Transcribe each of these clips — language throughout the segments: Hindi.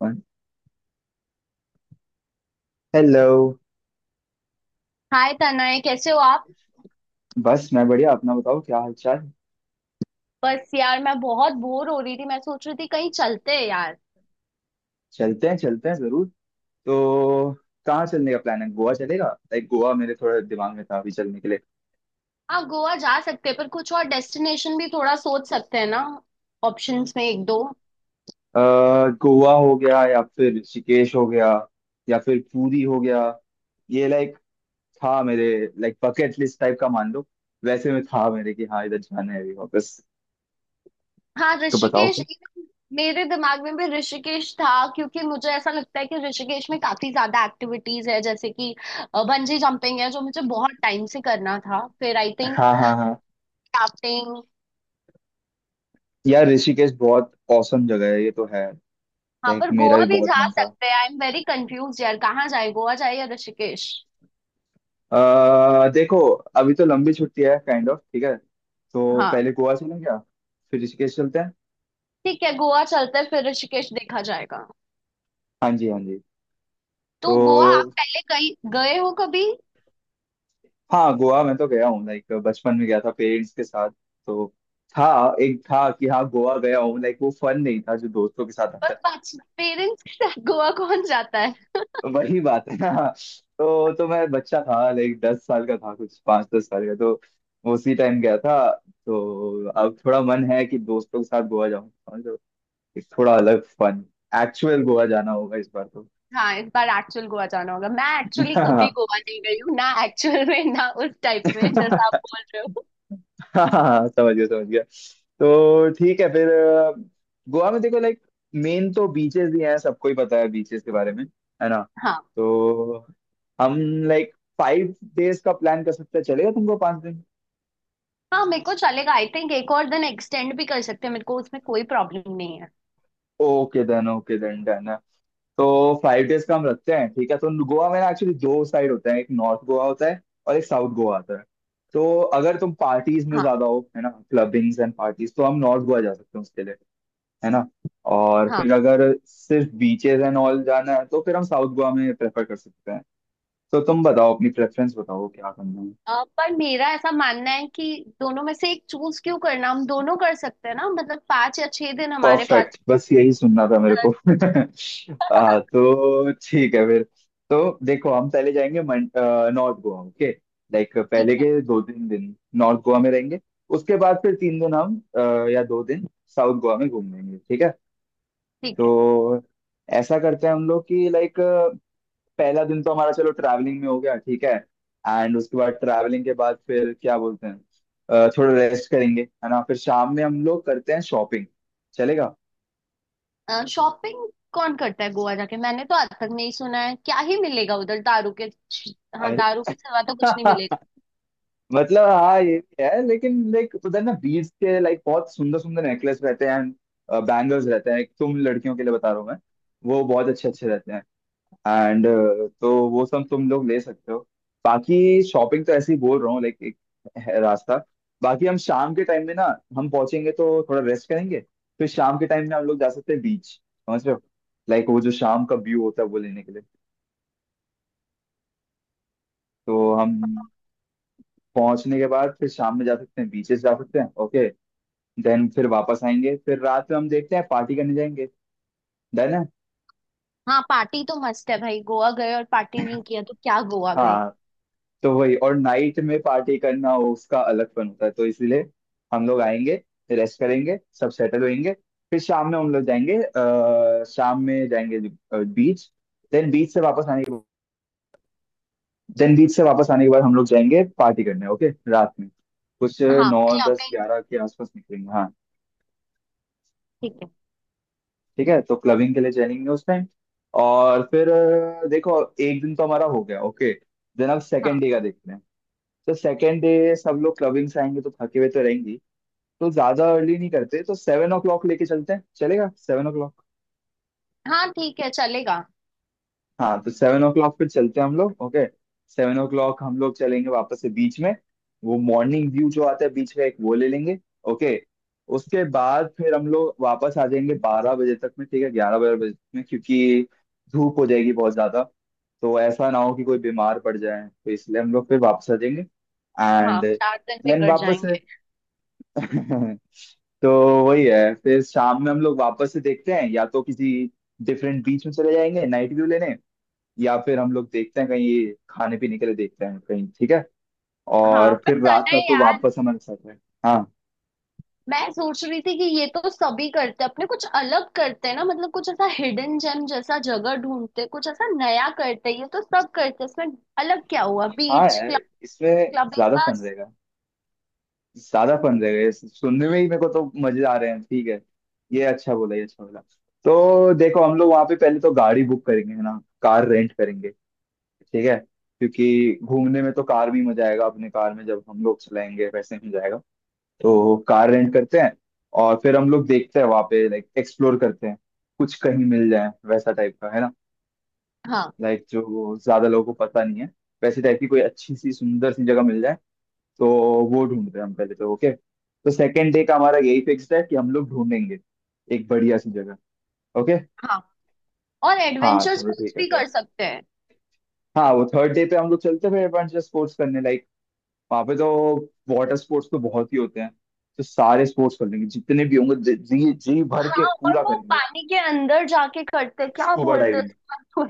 और हेलो। हाय तनय, कैसे हो आप? बस, मैं बढ़िया। अपना बताओ, क्या हाल चाल? बस यार, मैं बहुत बोर हो रही थी। मैं सोच रही थी कहीं चलते हैं यार। चलते हैं, चलते हैं जरूर। तो कहाँ चलने का प्लान है? गोवा चलेगा? लाइक गोवा मेरे थोड़ा दिमाग में था अभी चलने के लिए। हाँ, गोवा जा सकते हैं, पर कुछ और डेस्टिनेशन भी थोड़ा सोच सकते हैं ना। ऑप्शंस में एक दो। अह गोवा हो गया या फिर ऋषिकेश हो गया, या फिर पुरी हो गया। ये लाइक था मेरे, लाइक बकेट लिस्ट टाइप का, मान लो। वैसे में था मेरे कि हाँ इधर जाना है अभी वापस, हाँ, तो बताओ। ऋषिकेश even मेरे दिमाग में भी ऋषिकेश था। क्योंकि मुझे ऐसा लगता है कि ऋषिकेश में काफी ज्यादा एक्टिविटीज है। जैसे कि बंजी जंपिंग है जो मुझे बहुत टाइम से करना था। फिर आई थिंक हाँ, हाँ, हाँ। राफ्टिंग। यार, ऋषिकेश बहुत औसम जगह है, ये तो है। हाँ, लाइक पर मेरा गोवा भी भी जा बहुत मन था। सकते हैं। आई एम वेरी कंफ्यूज यार, कहाँ जाए, गोवा जाए या ऋषिकेश। अह देखो, अभी तो लंबी छुट्टी है, काइंड ऑफ। ठीक है, तो हाँ। पहले गोवा चलें क्या? फिर ऋषिकेश चलते हैं। ठीक है, गोवा चलते हैं फिर ऋषिकेश देखा जाएगा। हाँ जी, हाँ जी। तो गोवा आप तो पहले कहीं गए हो कभी? हाँ, गोवा मैं तो गया हूँ, लाइक बचपन में गया था पेरेंट्स के साथ। तो था, एक था कि हाँ गोवा गया हूँ, लाइक वो फन नहीं था जो दोस्तों के साथ आता है। पर पेरेंट्स के साथ गोवा कौन जाता है? तो वही बात है ना। तो मैं बच्चा था, लाइक 10 साल का था, कुछ पाँच दस साल का। तो उसी टाइम गया था। तो अब थोड़ा मन है कि दोस्तों के साथ गोवा जाऊँ, एक थोड़ा अलग फन। एक्चुअल गोवा जाना होगा इस बार तो। हाँ, इस बार एक्चुअल गोवा जाना होगा। मैं एक्चुअली कभी गोवा नहीं गई हूँ ना एक्चुअल में, ना उस टाइप में जैसा आप हाँ, बोल रहे हो। हाँ, समझ गया, समझ गया। तो ठीक है फिर। गोवा में देखो, लाइक मेन तो बीचेस ही हैं, सबको ही पता है बीचेस के बारे में, है ना। हाँ। तो हम लाइक 5 डेज का प्लान कर सकते हैं, चलेगा तुमको? 5 दिन। हाँ, मेरे को चलेगा। आई थिंक एक और दिन एक्सटेंड भी कर सकते हैं, मेरे को उसमें कोई प्रॉब्लम नहीं है। Okay then, okay then, done. तो 5 डेज का हम रखते हैं, ठीक है। तो गोवा में ना, एक्चुअली 2 साइड होता है। एक नॉर्थ गोवा होता है और एक साउथ गोवा आता है। तो अगर तुम पार्टीज में हाँ। ज्यादा हो, है ना, क्लबिंग्स एंड पार्टीज, तो हम नॉर्थ गोवा जा सकते हैं उसके लिए, है ना। और हाँ। फिर अगर सिर्फ बीचेस एंड ऑल जाना है, तो फिर हम साउथ गोवा में प्रेफर कर सकते हैं। तो तुम बताओ, अपनी प्रेफरेंस बताओ, क्या करना है। पर मेरा ऐसा मानना है कि दोनों में से एक चूज क्यों करना, हम दोनों कर सकते हैं ना। मतलब 5 या 6 दिन हमारे पास। परफेक्ट, बस यही सुनना था अ, मेरे को। तो ठीक है फिर। तो देखो हम पहले जाएंगे नॉर्थ गोवा, ओके। लाइक ठीक पहले है। के 2-3 दिन नॉर्थ गोवा में रहेंगे। उसके बाद फिर 3 दिन हम या 2 दिन साउथ गोवा में घूम लेंगे, ठीक है। ठीक है, तो ऐसा करते हैं हम लोग कि लाइक, पहला दिन तो हमारा चलो ट्रैवलिंग में हो गया, ठीक है। एंड उसके बाद, ट्रैवलिंग के बाद फिर क्या बोलते हैं, थोड़ा रेस्ट करेंगे, है ना। फिर शाम में हम लोग करते हैं शॉपिंग, चलेगा। शॉपिंग कौन करता है गोवा जाके? मैंने तो आज तक नहीं सुना है क्या ही मिलेगा उधर, दारू के। हाँ, दारू के सिवा तो कुछ नहीं मतलब, मिलेगा। हाँ ये भी है, लेकिन लाइक उधर ना बीट्स के लाइक बहुत सुंदर सुंदर नेकलेस रहते हैं एंड बैंगल्स रहते हैं, तुम लड़कियों के लिए बता रहा हूँ मैं, वो बहुत अच्छे अच्छे रहते हैं एंड, तो वो सब तुम लोग ले सकते हो। बाकी शॉपिंग तो ऐसे ही बोल रहा हूँ, लाइक एक है रास्ता। बाकी हम शाम के टाइम में ना, हम पहुंचेंगे तो थोड़ा रेस्ट करेंगे। फिर शाम के टाइम में हम लोग जा सकते हैं बीच, समझ रहे हो, लाइक वो जो शाम का व्यू होता है वो लेने के लिए। तो हम पहुंचने के बाद फिर शाम में जा सकते हैं बीचेस, जा सकते हैं ओके। देन फिर वापस आएंगे, फिर रात में हम देखते हैं पार्टी करने जाएंगे, डन है। हाँ, पार्टी तो मस्त है भाई। गोवा गए और पार्टी नहीं किया तो क्या गोवा गए। हाँ, तो वही। और नाइट में पार्टी करना वो उसका अलग फन होता है, तो इसीलिए हम लोग आएंगे, रेस्ट करेंगे, सब सेटल होएंगे। फिर शाम में हम लोग जाएंगे, शाम में जाएंगे बीच। देन बीच से वापस आने के देन बीच से वापस आने के बाद हम लोग जाएंगे पार्टी करने, ओके, रात में कुछ। हाँ, नौ दस क्लबिंग। ग्यारह के आसपास निकलेंगे, हाँ। ठीक है। ठीक है, तो क्लबिंग के लिए चलेंगे उस टाइम। और फिर देखो, एक दिन तो हमारा हो गया, ओके। देन अब सेकेंड हाँ, डे का देखते हैं। तो सेकेंड डे सब लोग क्लबिंग से आएंगे तो थके हुए तो रहेंगी, तो ज्यादा अर्ली नहीं करते, तो 7 o'clock लेके चलते हैं, चलेगा सेवन ओ। हाँ, ठीक है, चलेगा। हाँ, तो 7 o'clock पे चलते हैं हम लोग, ओके। 7 o'clock हम लोग चलेंगे वापस से बीच में। वो मॉर्निंग व्यू जो आता है बीच में एक, वो ले लेंगे, ओके। उसके बाद फिर हम लोग वापस आ जाएंगे 12 बजे तक में, ठीक है, 11-12 बजे तक में, क्योंकि धूप हो जाएगी बहुत ज्यादा। तो ऐसा ना हो कि कोई बीमार पड़ जाए, तो इसलिए हम लोग फिर वापस आ जाएंगे हाँ, एंड 4 दिन देन बिगड़ वापस से। जाएंगे। तो वही है, फिर शाम में हम लोग वापस से देखते हैं, या तो किसी डिफरेंट बीच में चले जाएंगे नाइट व्यू लेने, या फिर हम लोग देखते हैं कहीं खाने पीने के लिए, देखते हैं कहीं, ठीक है। हाँ, और पर फिर रात तने का तो यार, वापस हमारे साथ है। हाँ, मैं सोच रही थी कि ये तो सभी करते हैं। अपने कुछ अलग करते हैं ना। मतलब कुछ ऐसा हिडन जेम जैसा जगह ढूंढते हैं, कुछ ऐसा नया करते हैं, ये तो सब करते हैं इसमें। अलग क्या हुआ, हाँ, बीच क्लब, यार, इसमें ज्यादा क्लबिंग। फन रहेगा, ज्यादा फन रहेगा ये सुनने में ही मेरे को तो मजे आ रहे हैं, ठीक है। ये अच्छा बोला, ये अच्छा बोला। तो देखो हम लोग वहाँ पे पहले तो गाड़ी बुक करेंगे, है ना, कार रेंट करेंगे, ठीक है। क्योंकि घूमने में तो कार भी मजा आएगा, अपने कार में जब हम लोग चलाएंगे वैसे ही मजा आएगा। तो कार रेंट करते हैं। और फिर हम लोग देखते हैं वहां पे, लाइक एक्सप्लोर करते हैं, कुछ कहीं मिल जाए वैसा टाइप का, है ना। हाँ। लाइक जो ज्यादा लोगों को पता नहीं है, वैसी टाइप की कोई अच्छी सी सुंदर सी जगह मिल जाए, तो वो ढूंढते हैं हम पहले तो, ओके। तो सेकेंड डे का हमारा यही फिक्स्ड है कि हम लोग ढूंढेंगे एक बढ़िया सी जगह, ओके। हाँ, और हाँ एडवेंचर चलो स्पोर्ट्स ठीक है भी फिर। कर सकते हैं। हाँ वो थर्ड डे पे हम लोग चलते हैं फिर एडवेंचर स्पोर्ट्स करने, लाइक वहां पे तो वाटर स्पोर्ट्स तो बहुत ही होते हैं, तो सारे स्पोर्ट्स कर लेंगे जितने भी होंगे, जी जी जी भर के हाँ, और पूरा वो करेंगे। पानी के अंदर जाके करते हैं। क्या स्कूबा बोलते हैं डाइविंग। उसको?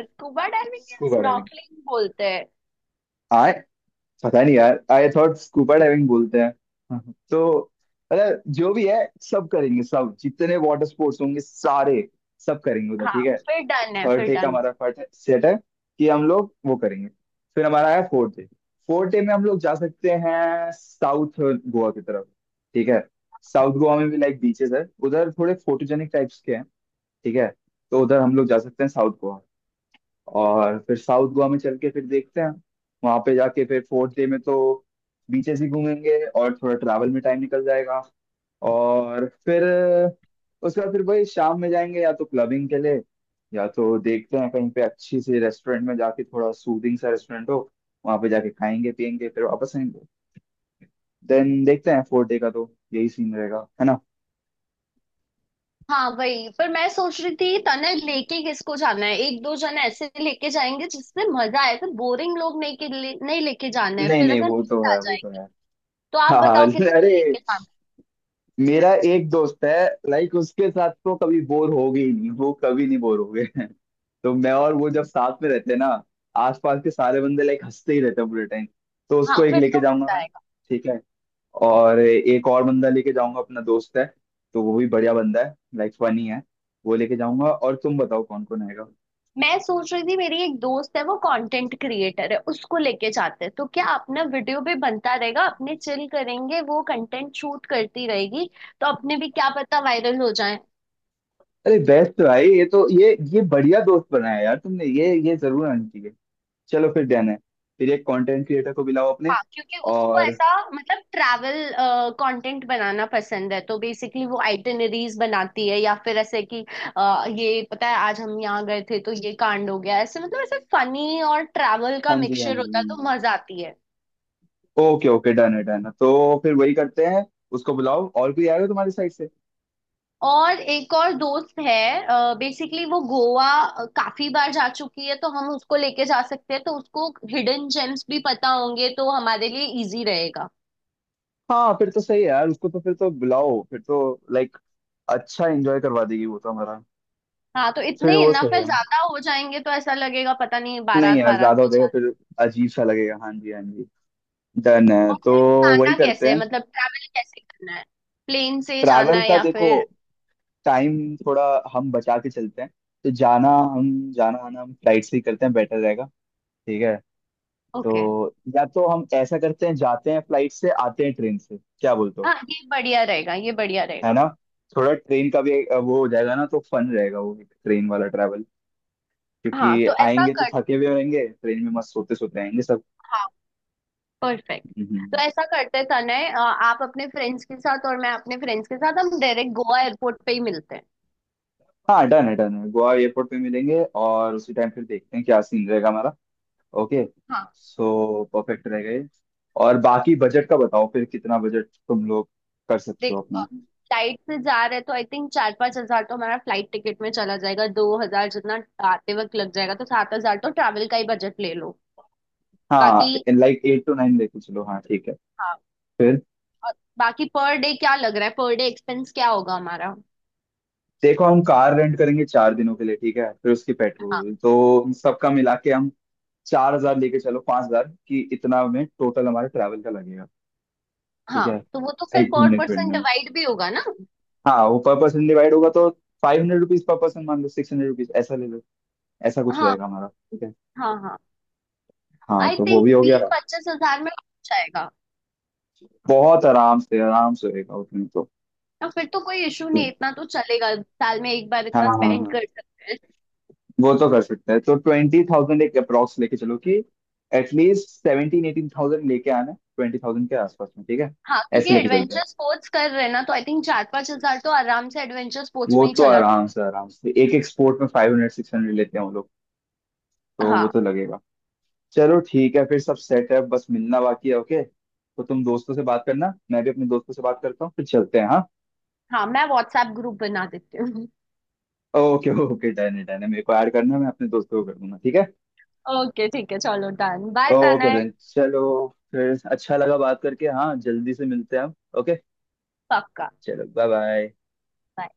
स्कूबा डाइविंग या स्कूबा डाइविंग। स्नॉर्कलिंग बोलते हैं। आए, पता नहीं यार, आई थॉट स्कूबा डाइविंग बोलते हैं। तो मतलब जो भी है सब करेंगे सब, जितने वाटर स्पोर्ट्स होंगे सारे, सब करेंगे उधर, हाँ, ठीक है। फिर डन है, थर्ड फिर डे का डन है। हमारा फर्ट है, सेट है कि हम लोग वो करेंगे। फिर हमारा है फोर्थ डे। फोर्थ डे में हम लोग जा सकते हैं साउथ गोवा की तरफ, ठीक है। साउथ गोवा में भी लाइक बीचेस है, उधर थोड़े फोटोजेनिक टाइप्स के हैं, ठीक है। तो उधर हम लोग जा सकते हैं साउथ गोवा। और फिर साउथ गोवा में चल के फिर देखते हैं, वहां पे जाके फिर फोर्थ डे में तो बीचेस ही घूमेंगे, और थोड़ा ट्रैवल में टाइम निकल जाएगा। और फिर उसके बाद फिर वही, शाम में जाएंगे या तो क्लबिंग के लिए, या तो देखते हैं कहीं पे अच्छी सी रेस्टोरेंट में जाके, थोड़ा सूदिंग सा रेस्टोरेंट हो, वहां पे जाके खाएंगे पियेंगे फिर वापस आएंगे, देन देखते हैं। फोर्थ डे का तो यही सीन रहेगा, है ना। हाँ, वही पर मैं सोच रही थी तने, लेके किसको जाना है? एक दो जन ऐसे लेके जाएंगे जिससे मजा आए। फिर बोरिंग लोग नहीं के लिए, नहीं लेके जाना है, नहीं, फिर नहीं, अगर वो तो नींद आ है, वो जाए। तो है। तो आप हाँ, बताओ किसको अरे, लेके जाना है। मेरा एक दोस्त है, लाइक उसके साथ तो कभी बोर होगे ही नहीं, वो कभी नहीं बोर होगे। तो मैं और वो जब साथ में रहते हैं ना, आसपास के सारे बंदे लाइक हंसते ही रहते हैं पूरे टाइम। तो हाँ, उसको एक फिर लेके तो जाऊंगा मजा मैं, आएगा। ठीक है। और एक और बंदा लेके जाऊंगा, अपना दोस्त है, तो वो भी बढ़िया बंदा है, लाइक फनी है, वो लेके जाऊंगा। और तुम बताओ कौन कौन आएगा। मैं सोच रही थी मेरी एक दोस्त है, वो कंटेंट क्रिएटर है, उसको लेके जाते हैं। तो क्या, अपना वीडियो भी बनता रहेगा, अपने चिल करेंगे, वो कंटेंट शूट करती रहेगी। तो अपने भी क्या पता वायरल हो जाए। अरे बेस्ट भाई, ये तो ये बढ़िया दोस्त बनाया यार तुमने, ये जरूर आनी चाहिए। चलो फिर डन है। फिर एक कंटेंट क्रिएटर को बुलाओ अपने, हाँ, क्योंकि उसको और। ऐसा, मतलब ट्रैवल कंटेंट बनाना पसंद है। तो बेसिकली वो आइटिनरीज बनाती है, या फिर ऐसे कि ये पता है आज हम यहाँ गए थे तो ये कांड हो गया। ऐसे मतलब ऐसे फनी और ट्रैवल का हाँ जी, हाँ मिक्सचर जी, होता है, हाँ तो जी। मजा आती है। ओके ओके, डन है डन है, तो फिर वही करते हैं, उसको बुलाओ। और कोई आएगा तुम्हारी साइड से? और एक और दोस्त है, बेसिकली वो गोवा काफी बार जा चुकी है, तो हम उसको लेके जा सकते हैं। तो उसको हिडन जेम्स भी पता होंगे, तो हमारे लिए इजी रहेगा। हाँ फिर तो सही है यार, उसको तो फिर तो बुलाओ फिर तो, लाइक अच्छा एंजॉय करवा देगी वो तो हमारा। हाँ, तो इतने फिर वो इनफ सही है। है, ज्यादा हो जाएंगे तो ऐसा लगेगा पता नहीं नहीं बारात यार बारात ज्यादा हो में जाएगा जाना है। फिर, अजीब सा लगेगा। हाँ जी, हाँ जी, डन है और तो फिर जाना वही कैसे करते है, हैं। मतलब ट्रैवल कैसे करना है? प्लेन से जाना ट्रैवल है का या देखो, फिर? टाइम थोड़ा हम बचा के चलते हैं। तो जाना, हम जाना आना हम फ्लाइट से ही करते हैं बेटर रहेगा, ठीक है। तो ओके। या तो हम ऐसा करते हैं, जाते हैं फ्लाइट से, आते हैं ट्रेन से, क्या बोलते हो, हाँ, ये बढ़िया रहेगा, ये बढ़िया है रहेगा। ना। थोड़ा ट्रेन का भी एक, वो हो जाएगा ना, तो फन रहेगा वो, एक ट्रेन वाला ट्रैवल, हाँ, क्योंकि तो ऐसा आएंगे तो कर। थके हुए रहेंगे, ट्रेन में मस्त सोते सोते आएंगे सब। हाँ, परफेक्ट। हम्म, तो हम्म। ऐसा करते तने, आप अपने फ्रेंड्स के साथ और मैं अपने फ्रेंड्स के साथ, हम डायरेक्ट गोवा एयरपोर्ट पे ही मिलते हैं। हाँ, डन है डन है, गोवा एयरपोर्ट पे मिलेंगे, और उसी टाइम फिर देखते हैं क्या सीन रहेगा हमारा, ओके। हाँ। सो परफेक्ट रहेगा ये। और बाकी बजट का बताओ फिर, कितना बजट तुम लोग कर सकते हो देखो अपना। फ्लाइट से जा रहे हैं तो आई थिंक 4-5 हजार तो हमारा फ्लाइट टिकट में चला जाएगा। 2 हजार जितना आते वक्त लग जाएगा, तो 7 हजार तो ट्रैवल का ही बजट ले लो। हाँ बाकी। लाइक 8 to 9 लेके चलो, हाँ ठीक है हाँ। फिर। और बाकी पर डे क्या लग रहा है, पर डे एक्सपेंस क्या होगा हमारा? देखो हम कार रेंट करेंगे 4 दिनों के लिए, ठीक है। फिर उसकी हाँ। पेट्रोल तो इन सबका मिला के हम 4,000 लेके चलो, 5,000 की, इतना में टोटल हमारे ट्रैवल का लगेगा, ठीक हाँ, है, तो वो तो फिर एक पर घूमने पर्सन फिरने में। डिवाइड भी होगा ना। हाँ वो पर पर्सन डिवाइड होगा तो, 500 रुपीज पर पर्सन मान लो, 600 रुपीज, ऐसा ले लो, ऐसा कुछ हाँ, रहेगा हमारा, ठीक है। हाँ, हाँ, हाँ आई तो वो थिंक भी हो गया। 20-25 हजार में हो जाएगा। बहुत आराम से रहेगा उसमें तो। तो फिर तो कोई इशू नहीं है, इतना तो चलेगा, साल में एक बार हाँ, इतना हाँ, स्पेंड हाँ। कर सकते हैं। वो तो कर सकते हैं, तो 20,000 एक अप्रोक्स लेके चलो, कि एटलीस्ट 17-18 थाउजेंड लेके आना, 20,000 के आसपास में, ठीक है। हाँ, क्योंकि ऐसे लेके चलते हैं। एडवेंचर स्पोर्ट्स कर रहे हैं ना, तो आई थिंक चार पांच हजार तो आराम से एडवेंचर स्पोर्ट्स वो में ही तो चला जाए। आराम से एक एक स्पोर्ट में 500-600 लेते हैं वो लोग, तो वो हाँ। तो लगेगा। चलो ठीक है फिर, सब सेट है, बस मिलना बाकी है, ओके। तो तुम दोस्तों से बात करना, मैं भी अपने दोस्तों से बात करता हूँ, फिर चलते हैं, हाँ। हाँ, मैं व्हाट्सएप ग्रुप बना देती हूँ। ओके ओके, डन है डन है, मेरे को ऐड करना है, मैं अपने दोस्तों को कर दूंगा, ठीक है। ओके ठीक है, चलो done, bye okay Tanay. Done, चलो, फिर अच्छा लगा बात करके, हाँ, जल्दी से मिलते हैं हम, ओके, पक्का। चलो, बाय बाय। Bye.